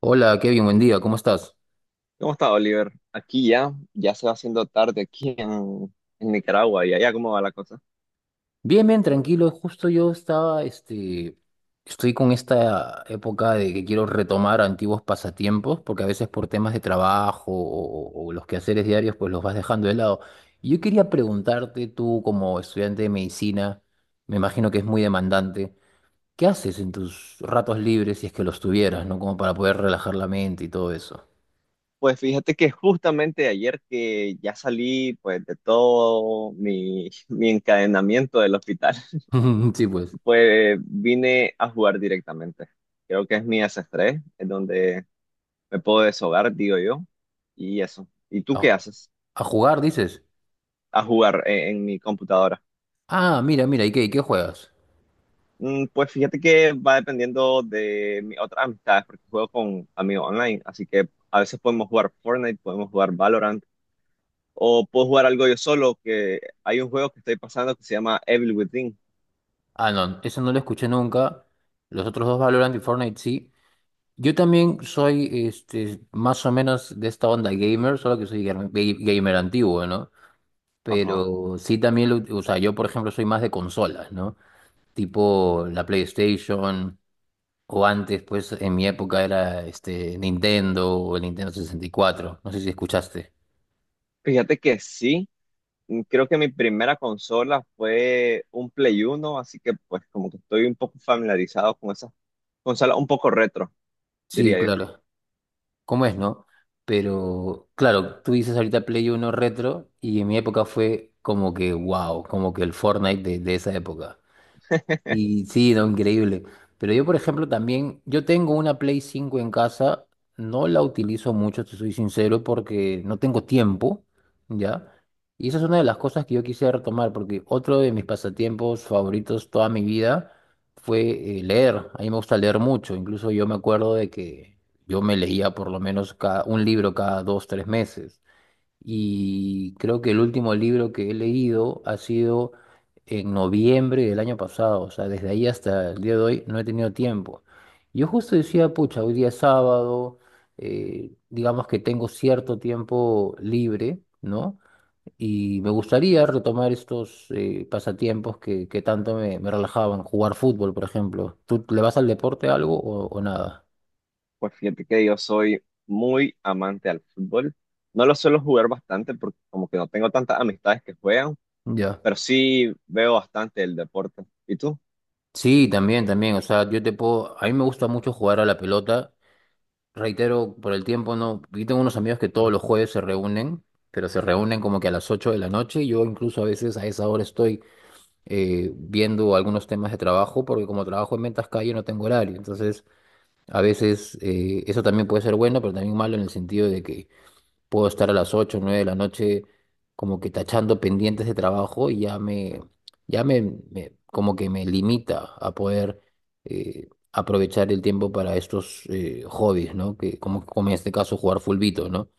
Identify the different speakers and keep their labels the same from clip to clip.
Speaker 1: Hola, Kevin, buen día, ¿cómo estás?
Speaker 2: ¿Cómo está, Oliver? Aquí ya se va haciendo tarde aquí en Nicaragua, y allá cómo va la cosa.
Speaker 1: Bien, bien, tranquilo. Justo yo estaba, estoy con esta época de que quiero retomar antiguos pasatiempos, porque a veces por temas de trabajo o los quehaceres diarios, pues los vas dejando de lado. Y yo quería preguntarte, tú como estudiante de medicina, me imagino que es muy demandante, ¿qué haces en tus ratos libres si es que los tuvieras, ¿no? Como para poder relajar la mente y todo eso.
Speaker 2: Pues fíjate que justamente ayer que ya salí pues de todo mi, mi encadenamiento del hospital,
Speaker 1: Sí, pues.
Speaker 2: pues vine a jugar directamente. Creo que es mi desestrés, es donde me puedo deshogar, digo yo, y eso. ¿Y tú
Speaker 1: A,
Speaker 2: qué haces?
Speaker 1: a jugar, dices.
Speaker 2: A jugar, en mi computadora.
Speaker 1: Ah, mira, mira, y qué juegas?
Speaker 2: Pues fíjate que va dependiendo de mis otras amistades, porque juego con amigos online, así que a veces podemos jugar Fortnite, podemos jugar Valorant, o puedo jugar algo yo solo, que hay un juego que estoy pasando que se llama Evil Within.
Speaker 1: Ah, no, eso no lo escuché nunca. Los otros dos Valorant y Fortnite sí. Yo también soy más o menos de esta onda gamer, solo que soy gamer antiguo, ¿no?
Speaker 2: Ajá.
Speaker 1: Pero sí también, o sea, yo por ejemplo soy más de consolas, ¿no? Tipo la PlayStation, o antes, pues en mi época era Nintendo o el Nintendo 64. No sé si escuchaste.
Speaker 2: Fíjate que sí. Creo que mi primera consola fue un Play Uno, así que pues como que estoy un poco familiarizado con esas consolas un poco retro,
Speaker 1: Sí,
Speaker 2: diría yo.
Speaker 1: claro. ¿Cómo es, no? Pero claro, tú dices ahorita Play Uno retro y en mi época fue como que wow, como que el Fortnite de esa época. Y sí, no, increíble. Pero yo, por ejemplo, también, yo tengo una Play 5 en casa, no la utilizo mucho, te soy sincero, porque no tengo tiempo, ¿ya? Y esa es una de las cosas que yo quise retomar, porque otro de mis pasatiempos favoritos toda mi vida fue leer. A mí me gusta leer mucho, incluso yo me acuerdo de que yo me leía por lo menos cada, un libro cada dos, tres meses y creo que el último libro que he leído ha sido en noviembre del año pasado, o sea, desde ahí hasta el día de hoy no he tenido tiempo. Yo justo decía, pucha, hoy día es sábado, digamos que tengo cierto tiempo libre, ¿no? Y me gustaría retomar estos pasatiempos que tanto me relajaban, jugar fútbol, por ejemplo. ¿Tú le vas al deporte algo o nada?
Speaker 2: Pues fíjate que yo soy muy amante al fútbol. No lo suelo jugar bastante porque como que no tengo tantas amistades que juegan,
Speaker 1: Ya.
Speaker 2: pero sí veo bastante el deporte. ¿Y tú?
Speaker 1: Sí, también, también. O sea, yo te puedo. A mí me gusta mucho jugar a la pelota. Reitero, por el tiempo no. Yo tengo unos amigos que todos los jueves se reúnen, pero se reúnen como que a las 8 de la noche. Y yo incluso a veces a esa hora estoy viendo algunos temas de trabajo, porque como trabajo en ventas calle no tengo horario. Entonces, a veces eso también puede ser bueno, pero también malo en el sentido de que puedo estar a las 8 o 9 de la noche como que tachando pendientes de trabajo y ya me, como que me limita a poder aprovechar el tiempo para estos hobbies, ¿no? Que, como, como en este caso jugar fulbito, ¿no?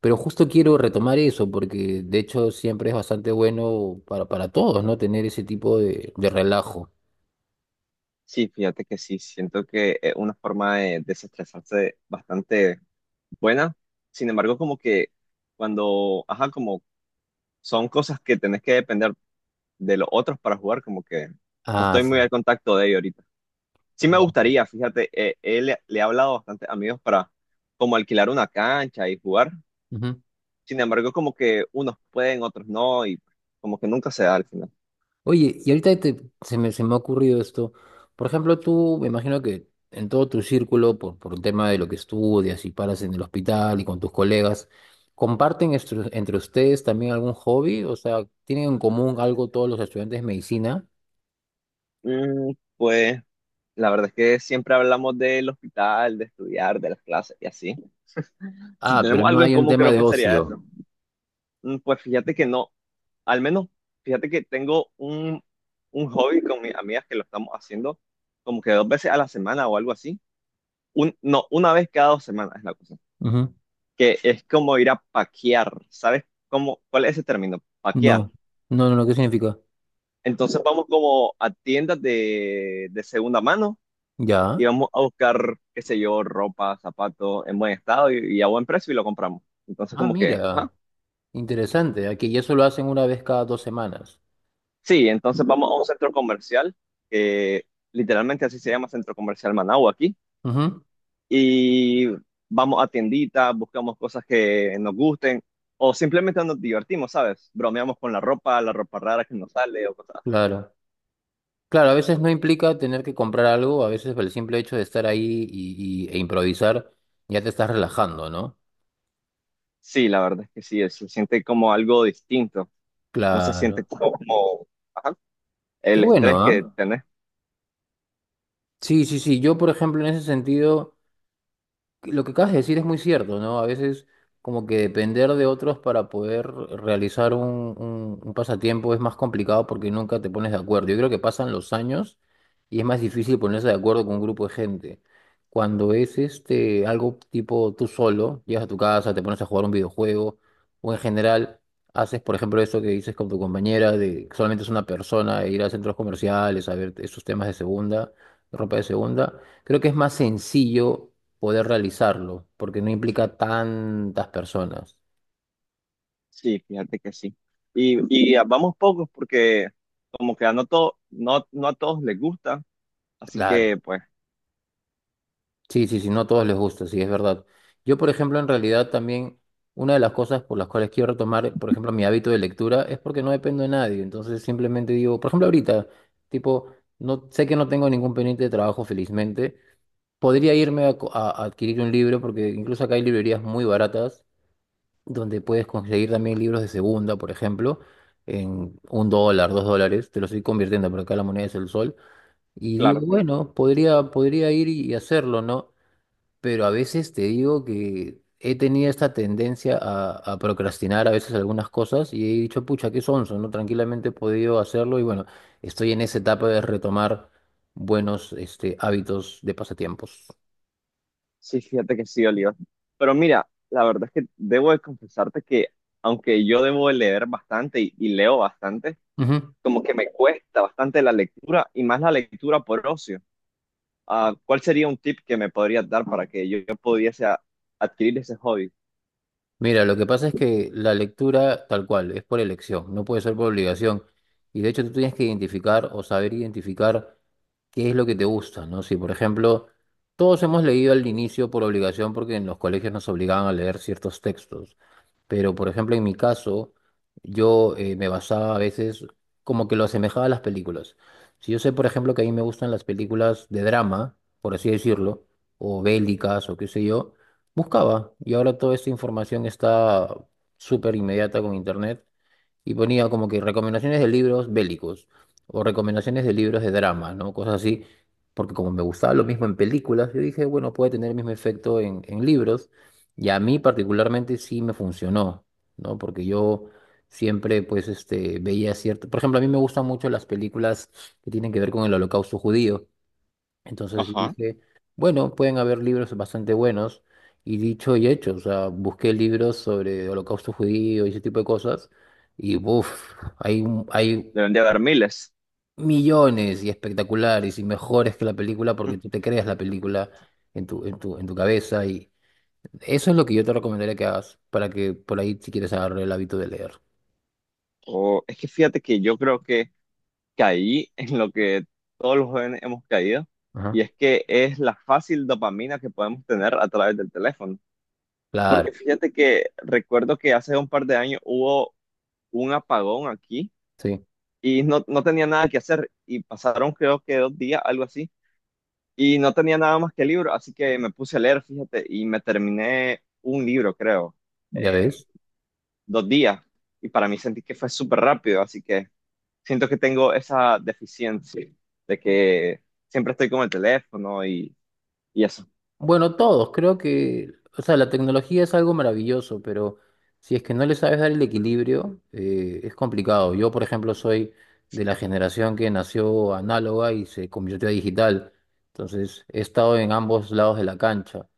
Speaker 1: Pero justo quiero retomar eso porque de hecho siempre es bastante bueno para todos, ¿no? Tener ese tipo de relajo.
Speaker 2: Sí, fíjate que sí, siento que es una forma de desestresarse bastante buena. Sin embargo, como que cuando, ajá, como son cosas que tenés que depender de los otros para jugar, como que no
Speaker 1: Ah,
Speaker 2: estoy muy
Speaker 1: sí.
Speaker 2: al contacto de ellos ahorita. Sí me gustaría, fíjate, le he hablado a bastantes amigos para como alquilar una cancha y jugar.
Speaker 1: Ujú.
Speaker 2: Sin embargo, como que unos pueden, otros no, y como que nunca se da al final.
Speaker 1: Oye, y ahorita se me ha ocurrido esto. Por ejemplo, tú, me imagino que en todo tu círculo, por el tema de lo que estudias y paras en el hospital y con tus colegas, ¿comparten entre ustedes también algún hobby? O sea, ¿tienen en común algo todos los estudiantes de medicina?
Speaker 2: Pues la verdad es que siempre hablamos del hospital, de estudiar, de las clases y así. Si
Speaker 1: Ah, pero
Speaker 2: tenemos
Speaker 1: no
Speaker 2: algo en
Speaker 1: hay un
Speaker 2: común,
Speaker 1: tema
Speaker 2: creo
Speaker 1: de
Speaker 2: que sería
Speaker 1: ocio.
Speaker 2: eso. Pues fíjate que no, al menos fíjate que tengo un hobby con mis amigas que lo estamos haciendo como que dos veces a la semana o algo así. Un, no, Una vez cada 2 semanas es la cosa.
Speaker 1: Ujú.
Speaker 2: Que es como ir a paquear. ¿Sabes cuál es ese término? Paquear.
Speaker 1: No. No, no, no, ¿qué significa?
Speaker 2: Entonces vamos como a tiendas de segunda mano
Speaker 1: Ya.
Speaker 2: y vamos a buscar, qué sé yo, ropa, zapatos en buen estado y a buen precio, y lo compramos. Entonces
Speaker 1: Ah,
Speaker 2: como que, ajá.
Speaker 1: mira, interesante. Aquí y eso lo hacen una vez cada dos semanas.
Speaker 2: Sí, entonces vamos a un centro comercial, que literalmente así se llama Centro Comercial Managua aquí,
Speaker 1: Ujú.
Speaker 2: y vamos a tienditas, buscamos cosas que nos gusten o simplemente nos divertimos, ¿sabes? Bromeamos con la ropa rara que nos sale o cosas así.
Speaker 1: Claro. Claro, a veces no implica tener que comprar algo, a veces el simple hecho de estar ahí e improvisar ya te estás relajando, ¿no?
Speaker 2: Sí, la verdad es que sí, se siente como algo distinto. No se siente
Speaker 1: Claro.
Speaker 2: como, ajá,
Speaker 1: Qué
Speaker 2: el
Speaker 1: bueno,
Speaker 2: estrés que
Speaker 1: ¿ah?
Speaker 2: tenés.
Speaker 1: Sí, sí, sí. Yo, por ejemplo, en ese sentido. Lo que acabas de decir es muy cierto, ¿no? A veces como que depender de otros para poder realizar un pasatiempo es más complicado porque nunca te pones de acuerdo. Yo creo que pasan los años y es más difícil ponerse de acuerdo con un grupo de gente. Cuando es algo tipo tú solo, llegas a tu casa, te pones a jugar un videojuego o en general haces, por ejemplo, eso que dices con tu compañera de que solamente es una persona e ir a centros comerciales a ver esos temas de segunda, ropa de segunda creo que es más sencillo poder realizarlo, porque no implica tantas personas.
Speaker 2: Sí, fíjate que sí. Vamos pocos porque como que a no, to- no, no a todos les gusta. Así
Speaker 1: Claro.
Speaker 2: que pues,
Speaker 1: Sí, sí, sí, no a todos les gusta, sí, es verdad. Yo, por ejemplo, en realidad también una de las cosas por las cuales quiero retomar, por ejemplo, mi hábito de lectura es porque no dependo de nadie. Entonces simplemente digo, por ejemplo, ahorita, tipo, no sé que no tengo ningún pendiente de trabajo, felizmente. Podría irme a, a adquirir un libro, porque incluso acá hay librerías muy baratas donde puedes conseguir también libros de segunda, por ejemplo, en un dólar, dos dólares, te lo estoy convirtiendo, pero acá la moneda es el sol, y digo,
Speaker 2: claro, claro.
Speaker 1: bueno, podría ir y hacerlo, ¿no? Pero a veces te digo que he tenido esta tendencia a procrastinar a veces algunas cosas y he dicho, pucha, qué sonso, ¿no? Tranquilamente he podido hacerlo y bueno, estoy en esa etapa de retomar buenos, hábitos de pasatiempos.
Speaker 2: Sí, fíjate que sí, Oliva. Pero mira, la verdad es que debo de confesarte que aunque yo debo de leer bastante y leo bastante,
Speaker 1: Ujú.
Speaker 2: como que me cuesta bastante la lectura y más la lectura por ocio. Ah, ¿cuál sería un tip que me podrías dar para que yo pudiese adquirir ese hobby?
Speaker 1: Mira, lo que pasa es que la lectura tal cual es por elección, no puede ser por obligación. Y de hecho tú tienes que identificar o saber identificar qué es lo que te gusta, ¿no? Si por ejemplo todos hemos leído al inicio por obligación porque en los colegios nos obligaban a leer ciertos textos, pero por ejemplo en mi caso yo me basaba a veces como que lo asemejaba a las películas. Si yo sé por ejemplo que a mí me gustan las películas de drama, por así decirlo, o bélicas o qué sé yo buscaba y ahora toda esta información está súper inmediata con internet y ponía como que recomendaciones de libros bélicos o recomendaciones de libros de drama, ¿no? Cosas así, porque como me gustaba lo mismo en películas, yo dije, bueno, puede tener el mismo efecto en libros y a mí particularmente sí me funcionó, ¿no? Porque yo siempre pues veía cierto, por ejemplo, a mí me gustan mucho las películas que tienen que ver con el holocausto judío. Entonces yo
Speaker 2: Ajá.
Speaker 1: dije, bueno, pueden haber libros bastante buenos. Y dicho y hecho, o sea, busqué libros sobre holocausto judío y ese tipo de cosas. Y uff, hay, hay
Speaker 2: Deben de haber miles.
Speaker 1: millones y espectaculares y mejores que la película porque tú te creas la película en tu cabeza. Y eso es lo que yo te recomendaría que hagas para que por ahí, si quieres, agarrar el hábito de leer.
Speaker 2: O es que fíjate que yo creo que caí en lo que todos los jóvenes hemos caído, y
Speaker 1: Ajá.
Speaker 2: es que es la fácil dopamina que podemos tener a través del teléfono.
Speaker 1: Claro,
Speaker 2: Porque fíjate que recuerdo que hace un par de años hubo un apagón aquí
Speaker 1: sí,
Speaker 2: y no tenía nada que hacer, y pasaron creo que 2 días, algo así, y no tenía nada más que libro, así que me puse a leer, fíjate, y me terminé un libro, creo,
Speaker 1: ya ves.
Speaker 2: 2 días, y para mí sentí que fue súper rápido, así que. Siento que tengo esa deficiencia de que siempre estoy con el teléfono, y eso.
Speaker 1: Bueno, todos, creo que, o sea, la tecnología es algo maravilloso, pero si es que no le sabes dar el equilibrio, es complicado. Yo, por ejemplo, soy de la generación que nació análoga y se convirtió a digital, entonces he estado en ambos lados de la cancha.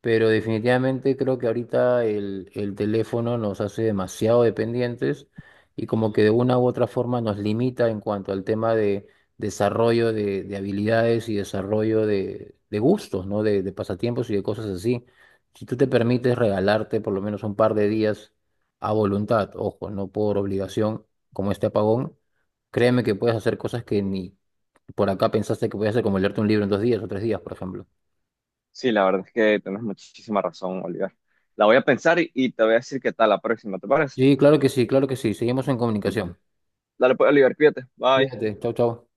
Speaker 1: Pero definitivamente creo que ahorita el teléfono nos hace demasiado dependientes y como que de una u otra forma nos limita en cuanto al tema de desarrollo de habilidades y desarrollo de gustos, ¿no? De pasatiempos y de cosas así. Si tú te permites regalarte por lo menos un par de días a voluntad, ojo, no por obligación, como este apagón, créeme que puedes hacer cosas que ni por acá pensaste que podías hacer, como leerte un libro en dos días o tres días, por ejemplo.
Speaker 2: Sí, la verdad es que tienes muchísima razón, Oliver. La voy a pensar, y te voy a decir qué tal la próxima, ¿te parece?
Speaker 1: Sí, claro que sí, claro que sí. Seguimos en comunicación.
Speaker 2: Dale pues, Oliver, cuídate. Bye.
Speaker 1: Cuídate, chao, chao.